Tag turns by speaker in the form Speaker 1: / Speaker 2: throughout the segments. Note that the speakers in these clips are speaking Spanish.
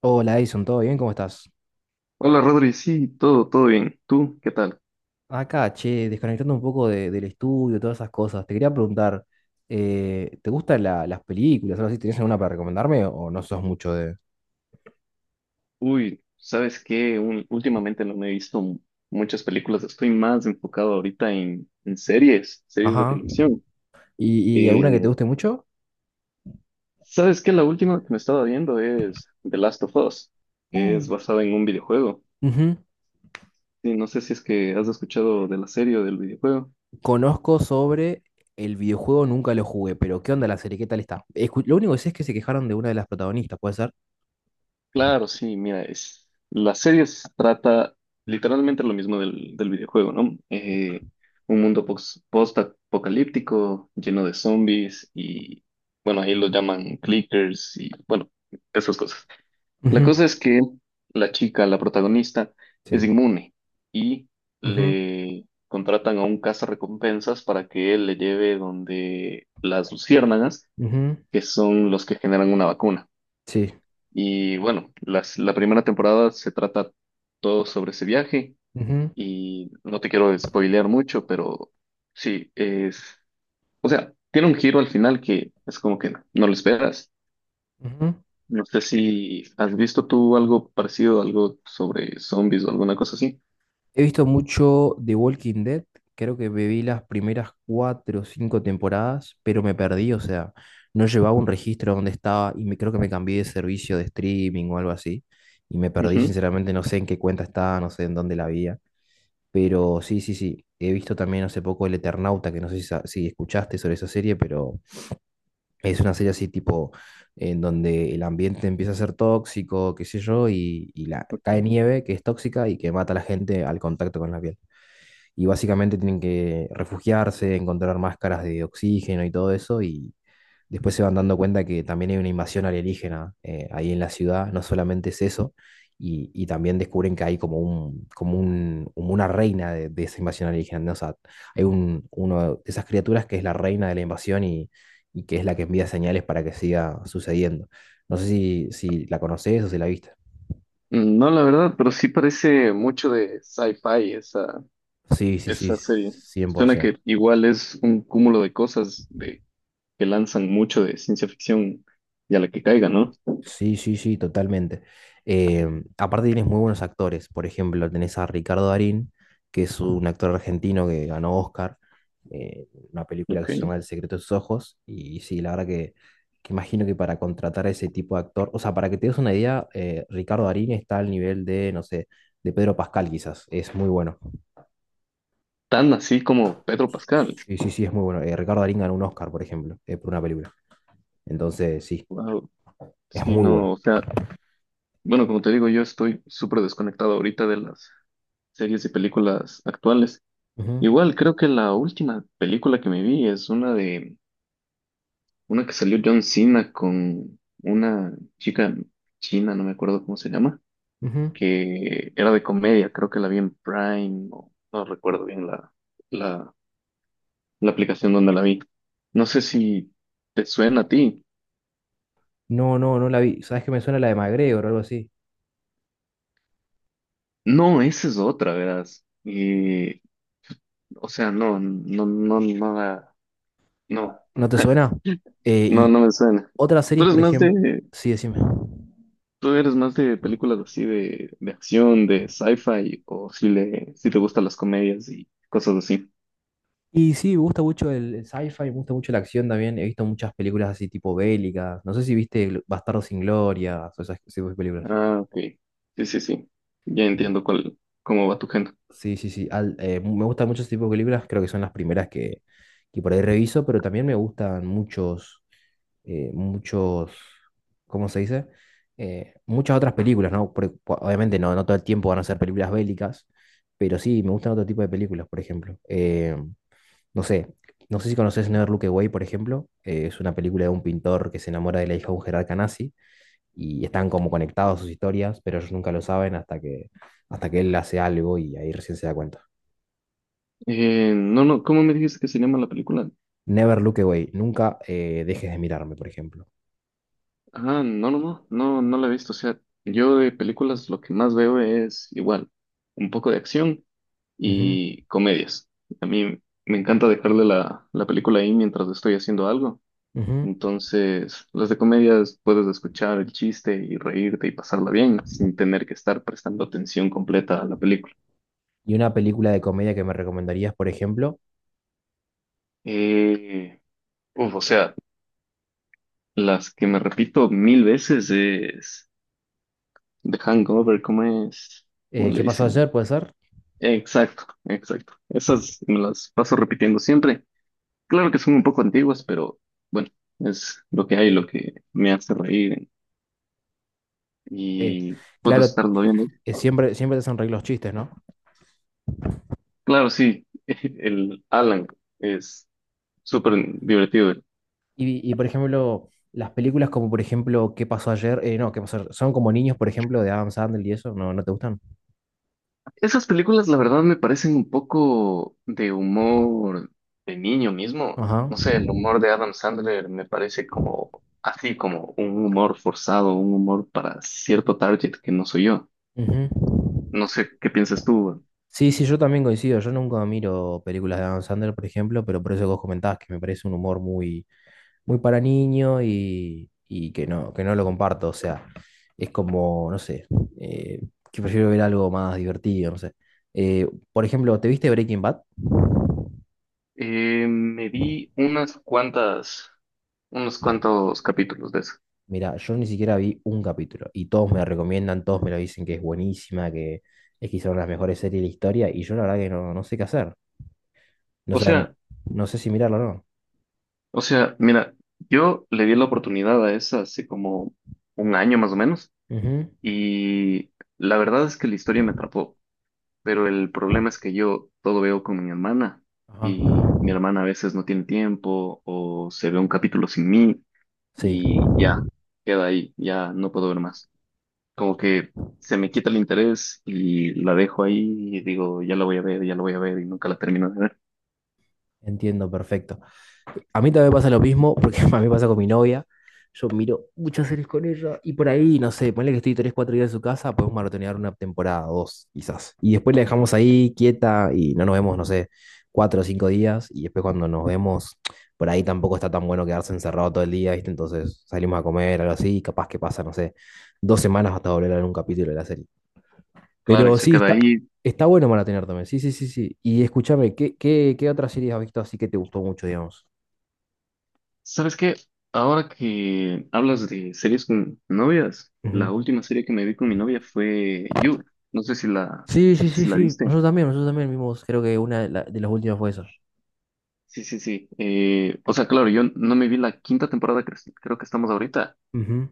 Speaker 1: Hola Edison, ¿todo bien? ¿Cómo estás?
Speaker 2: Hola Rodri, sí, todo bien. ¿Tú qué tal?
Speaker 1: Acá, che, desconectando un poco del estudio, todas esas cosas. Te quería preguntar, ¿te gustan las películas? ¿Algo así? ¿Tenés alguna para recomendarme o no sos mucho de...?
Speaker 2: Uy, ¿sabes qué? Últimamente no me he visto muchas películas, estoy más enfocado ahorita en series de
Speaker 1: Ajá.
Speaker 2: televisión.
Speaker 1: Y alguna que te
Speaker 2: Eh,
Speaker 1: guste mucho?
Speaker 2: ¿Sabes qué? La última que me estaba viendo es The Last of Us, que
Speaker 1: Uh.
Speaker 2: es basada en un videojuego.
Speaker 1: Ujú.
Speaker 2: Sí, no sé si es que has escuchado de la serie o del videojuego.
Speaker 1: Conozco sobre el videojuego, nunca lo jugué, pero ¿qué onda la serie? ¿Qué tal está? Lo único que sé es que se quejaron de una de las protagonistas, ¿puede ser?
Speaker 2: Claro, sí, mira, es, la serie se trata literalmente lo mismo del videojuego, ¿no? Un mundo post-apocalíptico, lleno de zombies y, bueno, ahí lo llaman clickers y, bueno, esas cosas. La
Speaker 1: Ujú.
Speaker 2: cosa es que la chica, la protagonista, es
Speaker 1: Sí.
Speaker 2: inmune y
Speaker 1: Ujú,
Speaker 2: le contratan a un cazarrecompensas para que él le lleve donde las luciérnagas,
Speaker 1: ujú.
Speaker 2: que son los que generan una vacuna.
Speaker 1: Sí.
Speaker 2: Y bueno, la primera temporada se trata todo sobre ese viaje
Speaker 1: Ujú,
Speaker 2: y no te quiero spoilear mucho, pero sí, es, o sea, tiene un giro al final que es como que no, lo esperas.
Speaker 1: ujú.
Speaker 2: No sé si has visto tú algo parecido, algo sobre zombies o alguna cosa así.
Speaker 1: He visto mucho The Walking Dead, creo que me vi las primeras cuatro o cinco temporadas, pero me perdí, o sea, no llevaba un registro donde estaba y me, creo que me cambié de servicio de streaming o algo así, y me perdí
Speaker 2: Ujú.
Speaker 1: sinceramente, no sé en qué cuenta estaba, no sé en dónde la había, pero sí, sí, sí, he visto también hace poco El Eternauta, que no sé si, si escuchaste sobre esa serie, pero es una serie así tipo en donde el ambiente empieza a ser tóxico, qué sé yo, y la, cae nieve que es tóxica y que mata a la gente al contacto con la piel y básicamente tienen que refugiarse, encontrar máscaras de oxígeno y todo eso, y después se van dando cuenta que también hay una invasión alienígena ahí en la ciudad, no solamente es eso, y también descubren que hay como una reina de esa invasión alienígena, ¿no? O sea, hay un, uno de esas criaturas que es la reina de la invasión y que es la que envía señales para que siga sucediendo. No sé si, si la conoces o si la viste.
Speaker 2: No, la verdad, pero sí parece mucho de sci-fi esa,
Speaker 1: Sí, sí, sí,
Speaker 2: esa serie. Suena
Speaker 1: 100%.
Speaker 2: que igual es un cúmulo de cosas, que lanzan mucho de ciencia ficción y a la que caiga, ¿no?
Speaker 1: Sí, sí, sí, totalmente. Em, aparte tienes muy buenos actores. Por ejemplo, tenés a Ricardo Darín, que es un actor argentino que ganó Oscar, una película que se
Speaker 2: Ok.
Speaker 1: llama El secreto de sus ojos. Y sí, la verdad que imagino que para contratar a ese tipo de actor, o sea, para que te des una idea, Ricardo Darín está al nivel de, no sé, de Pedro Pascal quizás. Es muy bueno.
Speaker 2: Tan así como Pedro Pascal.
Speaker 1: Sí, sí, sí, es muy bueno. Ricardo Darín ganó un Oscar, por ejemplo, por una película. Entonces, sí,
Speaker 2: Wow.
Speaker 1: es
Speaker 2: Sí,
Speaker 1: muy bueno.
Speaker 2: no, o sea, bueno, como te digo, yo estoy súper desconectado ahorita de las series y películas actuales.
Speaker 1: Ujú,
Speaker 2: Igual, creo que la última película que me vi es una de, una que salió John Cena con una chica china, no me acuerdo cómo se llama,
Speaker 1: ujú.
Speaker 2: que era de comedia, creo que la vi en Prime, o no recuerdo bien la la aplicación donde la vi. No sé si te suena a ti.
Speaker 1: No, no, no la vi. ¿Sabes que me suena la de MacGregor o algo así?
Speaker 2: No, esa es otra, verás. Y, o sea, no, no, no, nada, no,
Speaker 1: ¿No te suena?
Speaker 2: no,
Speaker 1: Y
Speaker 2: no me suena.
Speaker 1: otras
Speaker 2: Tú
Speaker 1: series,
Speaker 2: eres
Speaker 1: por
Speaker 2: más
Speaker 1: ejemplo.
Speaker 2: de,
Speaker 1: Sí, decime.
Speaker 2: tú eres más de películas así de acción, de sci-fi, o si le, si te gustan las comedias y cosas así.
Speaker 1: Y sí, me gusta mucho el sci-fi, me gusta mucho la acción también. He visto muchas películas así tipo bélicas. No sé si viste Bastardos sin Gloria o esas ese tipo de películas.
Speaker 2: Ah, ok. Sí, sí, sí. Ya
Speaker 1: Bien.
Speaker 2: entiendo cómo va tu género.
Speaker 1: Sí, sí, sí. Me gustan muchos tipos de películas. Creo que son las primeras que por ahí reviso, pero también me gustan muchos. eh, muchos, ¿Cómo se dice? Muchas otras películas, ¿no? Porque, obviamente no, no todo el tiempo van a ser películas bélicas, pero sí, me gustan otro tipo de películas, por ejemplo. No sé, no sé si conoces Never Look Away, por ejemplo. Es una película de un pintor que se enamora de la hija de un jerarca nazi y están como conectados sus historias, pero ellos nunca lo saben hasta que él hace algo y ahí recién se da cuenta.
Speaker 2: No, no, ¿cómo me dijiste que se llama la película?
Speaker 1: Never Look Away, nunca dejes de mirarme, por ejemplo.
Speaker 2: Ah, no, no, no, no, no la he visto. O sea, yo de películas lo que más veo es igual, un poco de acción
Speaker 1: Ujú,
Speaker 2: y comedias. A mí me encanta dejarle la película ahí mientras estoy haciendo algo.
Speaker 1: ujú.
Speaker 2: Entonces, las de comedias puedes escuchar el chiste y reírte y pasarla bien sin tener que estar prestando atención completa a la película.
Speaker 1: Y una película de comedia que me recomendarías, por ejemplo,
Speaker 2: Eh, uf, o sea, las que me repito mil veces es The Hangover, ¿cómo es? ¿Cómo le
Speaker 1: ¿Qué pasó
Speaker 2: dicen?
Speaker 1: ayer? ¿Puede ser?
Speaker 2: Exacto, exacto. Esas me las paso repitiendo siempre. Claro que son un poco antiguas, pero bueno, es lo que hay, lo que me hace reír
Speaker 1: Eh,
Speaker 2: y puedo
Speaker 1: claro,
Speaker 2: estarlo viendo.
Speaker 1: siempre te hacen reír los chistes, ¿no?
Speaker 2: Claro, sí, el Alan es súper divertido.
Speaker 1: Y, por ejemplo, las películas como, por ejemplo, ¿Qué pasó ayer? No, ¿Qué pasó ayer? Son como niños, por ejemplo, de Adam Sandler y eso, ¿no, no te gustan?
Speaker 2: Esas películas, la verdad, me parecen un poco de humor de niño mismo.
Speaker 1: Ajá.
Speaker 2: No sé, el humor de Adam Sandler me parece como así, como un humor forzado, un humor para cierto target que no soy yo.
Speaker 1: Ujú.
Speaker 2: No sé qué piensas tú.
Speaker 1: Sí, sí, yo también coincido. Yo nunca miro películas de Adam Sandler, por ejemplo, pero por eso que vos comentabas que me parece un humor muy, muy para niño y que no lo comparto. O sea, es como, no sé, eh, que prefiero ver algo más divertido, no sé. Eh, por ejemplo, ¿te viste Breaking Bad?
Speaker 2: Me vi unos cuantos capítulos de eso.
Speaker 1: Mira, yo ni siquiera vi un capítulo y todos me la recomiendan, todos me lo dicen que es buenísima, que es quizá una de las mejores series de la historia y yo la verdad que no, no sé qué hacer. No
Speaker 2: O
Speaker 1: sé,
Speaker 2: sea,
Speaker 1: no sé si mirarlo o no.
Speaker 2: o sea, mira, yo le di la oportunidad a esa hace como un año más o menos
Speaker 1: Ujú.
Speaker 2: y la verdad es que la historia me atrapó, pero el problema es que yo todo veo con mi hermana
Speaker 1: Ajá.
Speaker 2: y mi hermana a veces no tiene tiempo o se ve un capítulo sin mí
Speaker 1: Sí,
Speaker 2: y ya, queda ahí, ya no puedo ver más. Como que se me quita el interés y la dejo ahí y digo, ya la voy a ver, ya la voy a ver y nunca la termino de ver.
Speaker 1: entiendo, perfecto. A mí también me pasa lo mismo, porque a mí me pasa con mi novia. Yo miro muchas series con ella y por ahí, no sé, ponle que estoy 3 4 días en su casa, podemos maratonear una temporada, dos, quizás. Y después la dejamos ahí quieta y no nos vemos, no sé, 4 o 5 días. Y después cuando nos vemos, por ahí tampoco está tan bueno quedarse encerrado todo el día, ¿viste? Entonces salimos a comer, algo así, y capaz que pasa, no sé, dos semanas hasta volver a ver un capítulo de la serie.
Speaker 2: Claro, y
Speaker 1: Pero
Speaker 2: se
Speaker 1: sí,
Speaker 2: queda
Speaker 1: está,
Speaker 2: ahí.
Speaker 1: está bueno maratonear también, sí, sí, sí, sí. Y escúchame, ¿qué, qué, qué otra serie has visto así que te gustó mucho, digamos?
Speaker 2: ¿Sabes qué? Ahora que hablas de series con novias, la última serie que me vi con mi novia fue You. No sé si
Speaker 1: Sí, sí, sí,
Speaker 2: si la
Speaker 1: sí.
Speaker 2: viste.
Speaker 1: Nosotros también vimos, creo que una de, de las últimas fue esa.
Speaker 2: Sí, sí, sí. O sea, claro, yo no me vi la quinta temporada creo que estamos ahorita,
Speaker 1: Ujú.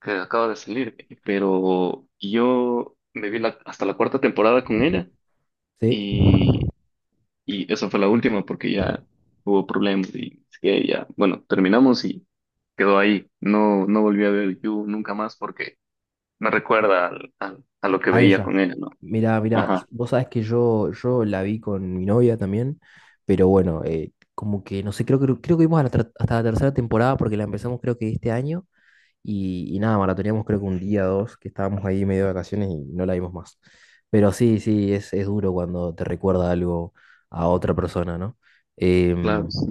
Speaker 2: que acaba de salir, pero yo me vi la, hasta la cuarta temporada con ella.
Speaker 1: Sí,
Speaker 2: Y esa fue la última porque ya hubo problemas y es que ya, bueno, terminamos y quedó ahí. No, no volví a ver You nunca más porque me recuerda a lo que
Speaker 1: a
Speaker 2: veía
Speaker 1: ella.
Speaker 2: con ella, ¿no?
Speaker 1: Mirá, mirá,
Speaker 2: Ajá,
Speaker 1: vos sabés que yo la vi con mi novia también, pero bueno, como que no sé, creo que vimos a hasta la 3.ª temporada porque la empezamos creo que este año. Y nada, maratoneamos creo que un día dos, que estábamos ahí medio de vacaciones y no la vimos más. Pero sí, sí, es duro cuando te recuerda algo a otra persona, ¿no? Em,
Speaker 2: claro, sí.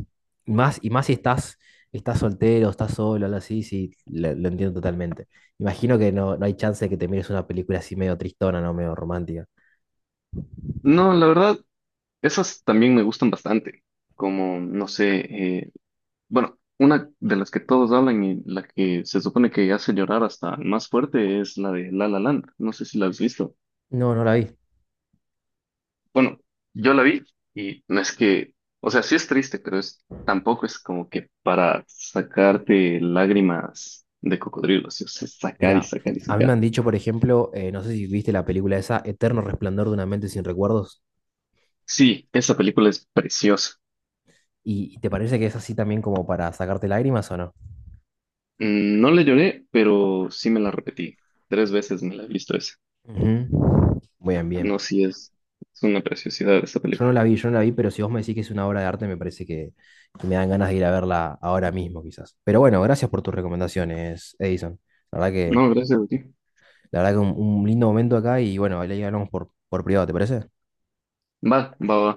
Speaker 1: Más, y más si estás, estás soltero, estás solo, algo así, sí, lo entiendo totalmente. Imagino que no, no hay chance de que te mires una película así medio tristona, ¿no? Medio romántica.
Speaker 2: No, la verdad, esas también me gustan bastante. Como, no sé, eh, bueno, una de las que todos hablan y la que se supone que hace llorar hasta el más fuerte es la de La La Land. No sé si la has visto.
Speaker 1: No, no la vi.
Speaker 2: Bueno, yo la vi y no es que, o sea, sí es triste, pero es, tampoco es como que para sacarte lágrimas de cocodrilo, sí, o sea, sacar y
Speaker 1: Mira,
Speaker 2: sacar y
Speaker 1: a mí me
Speaker 2: sacar.
Speaker 1: han dicho, por ejemplo, no sé si viste la película esa, Eterno Resplandor de una mente sin recuerdos,
Speaker 2: Sí, esa película es preciosa.
Speaker 1: ¿y y te parece que es así también como para sacarte lágrimas o no?
Speaker 2: Mm, no le lloré, pero sí me la repetí. Tres veces me la he visto esa.
Speaker 1: Ujú. Bien, bien.
Speaker 2: No, sí es una preciosidad esa
Speaker 1: Yo no
Speaker 2: película.
Speaker 1: la vi, yo no la vi, pero si vos me decís que es una obra de arte, me parece que me dan ganas de ir a verla ahora mismo, quizás. Pero bueno, gracias por tus recomendaciones, Edison. La verdad que,
Speaker 2: No, gracias a ti.
Speaker 1: la verdad que un lindo momento acá y bueno, ahí hablamos por privado, ¿te parece?
Speaker 2: Va, va, va.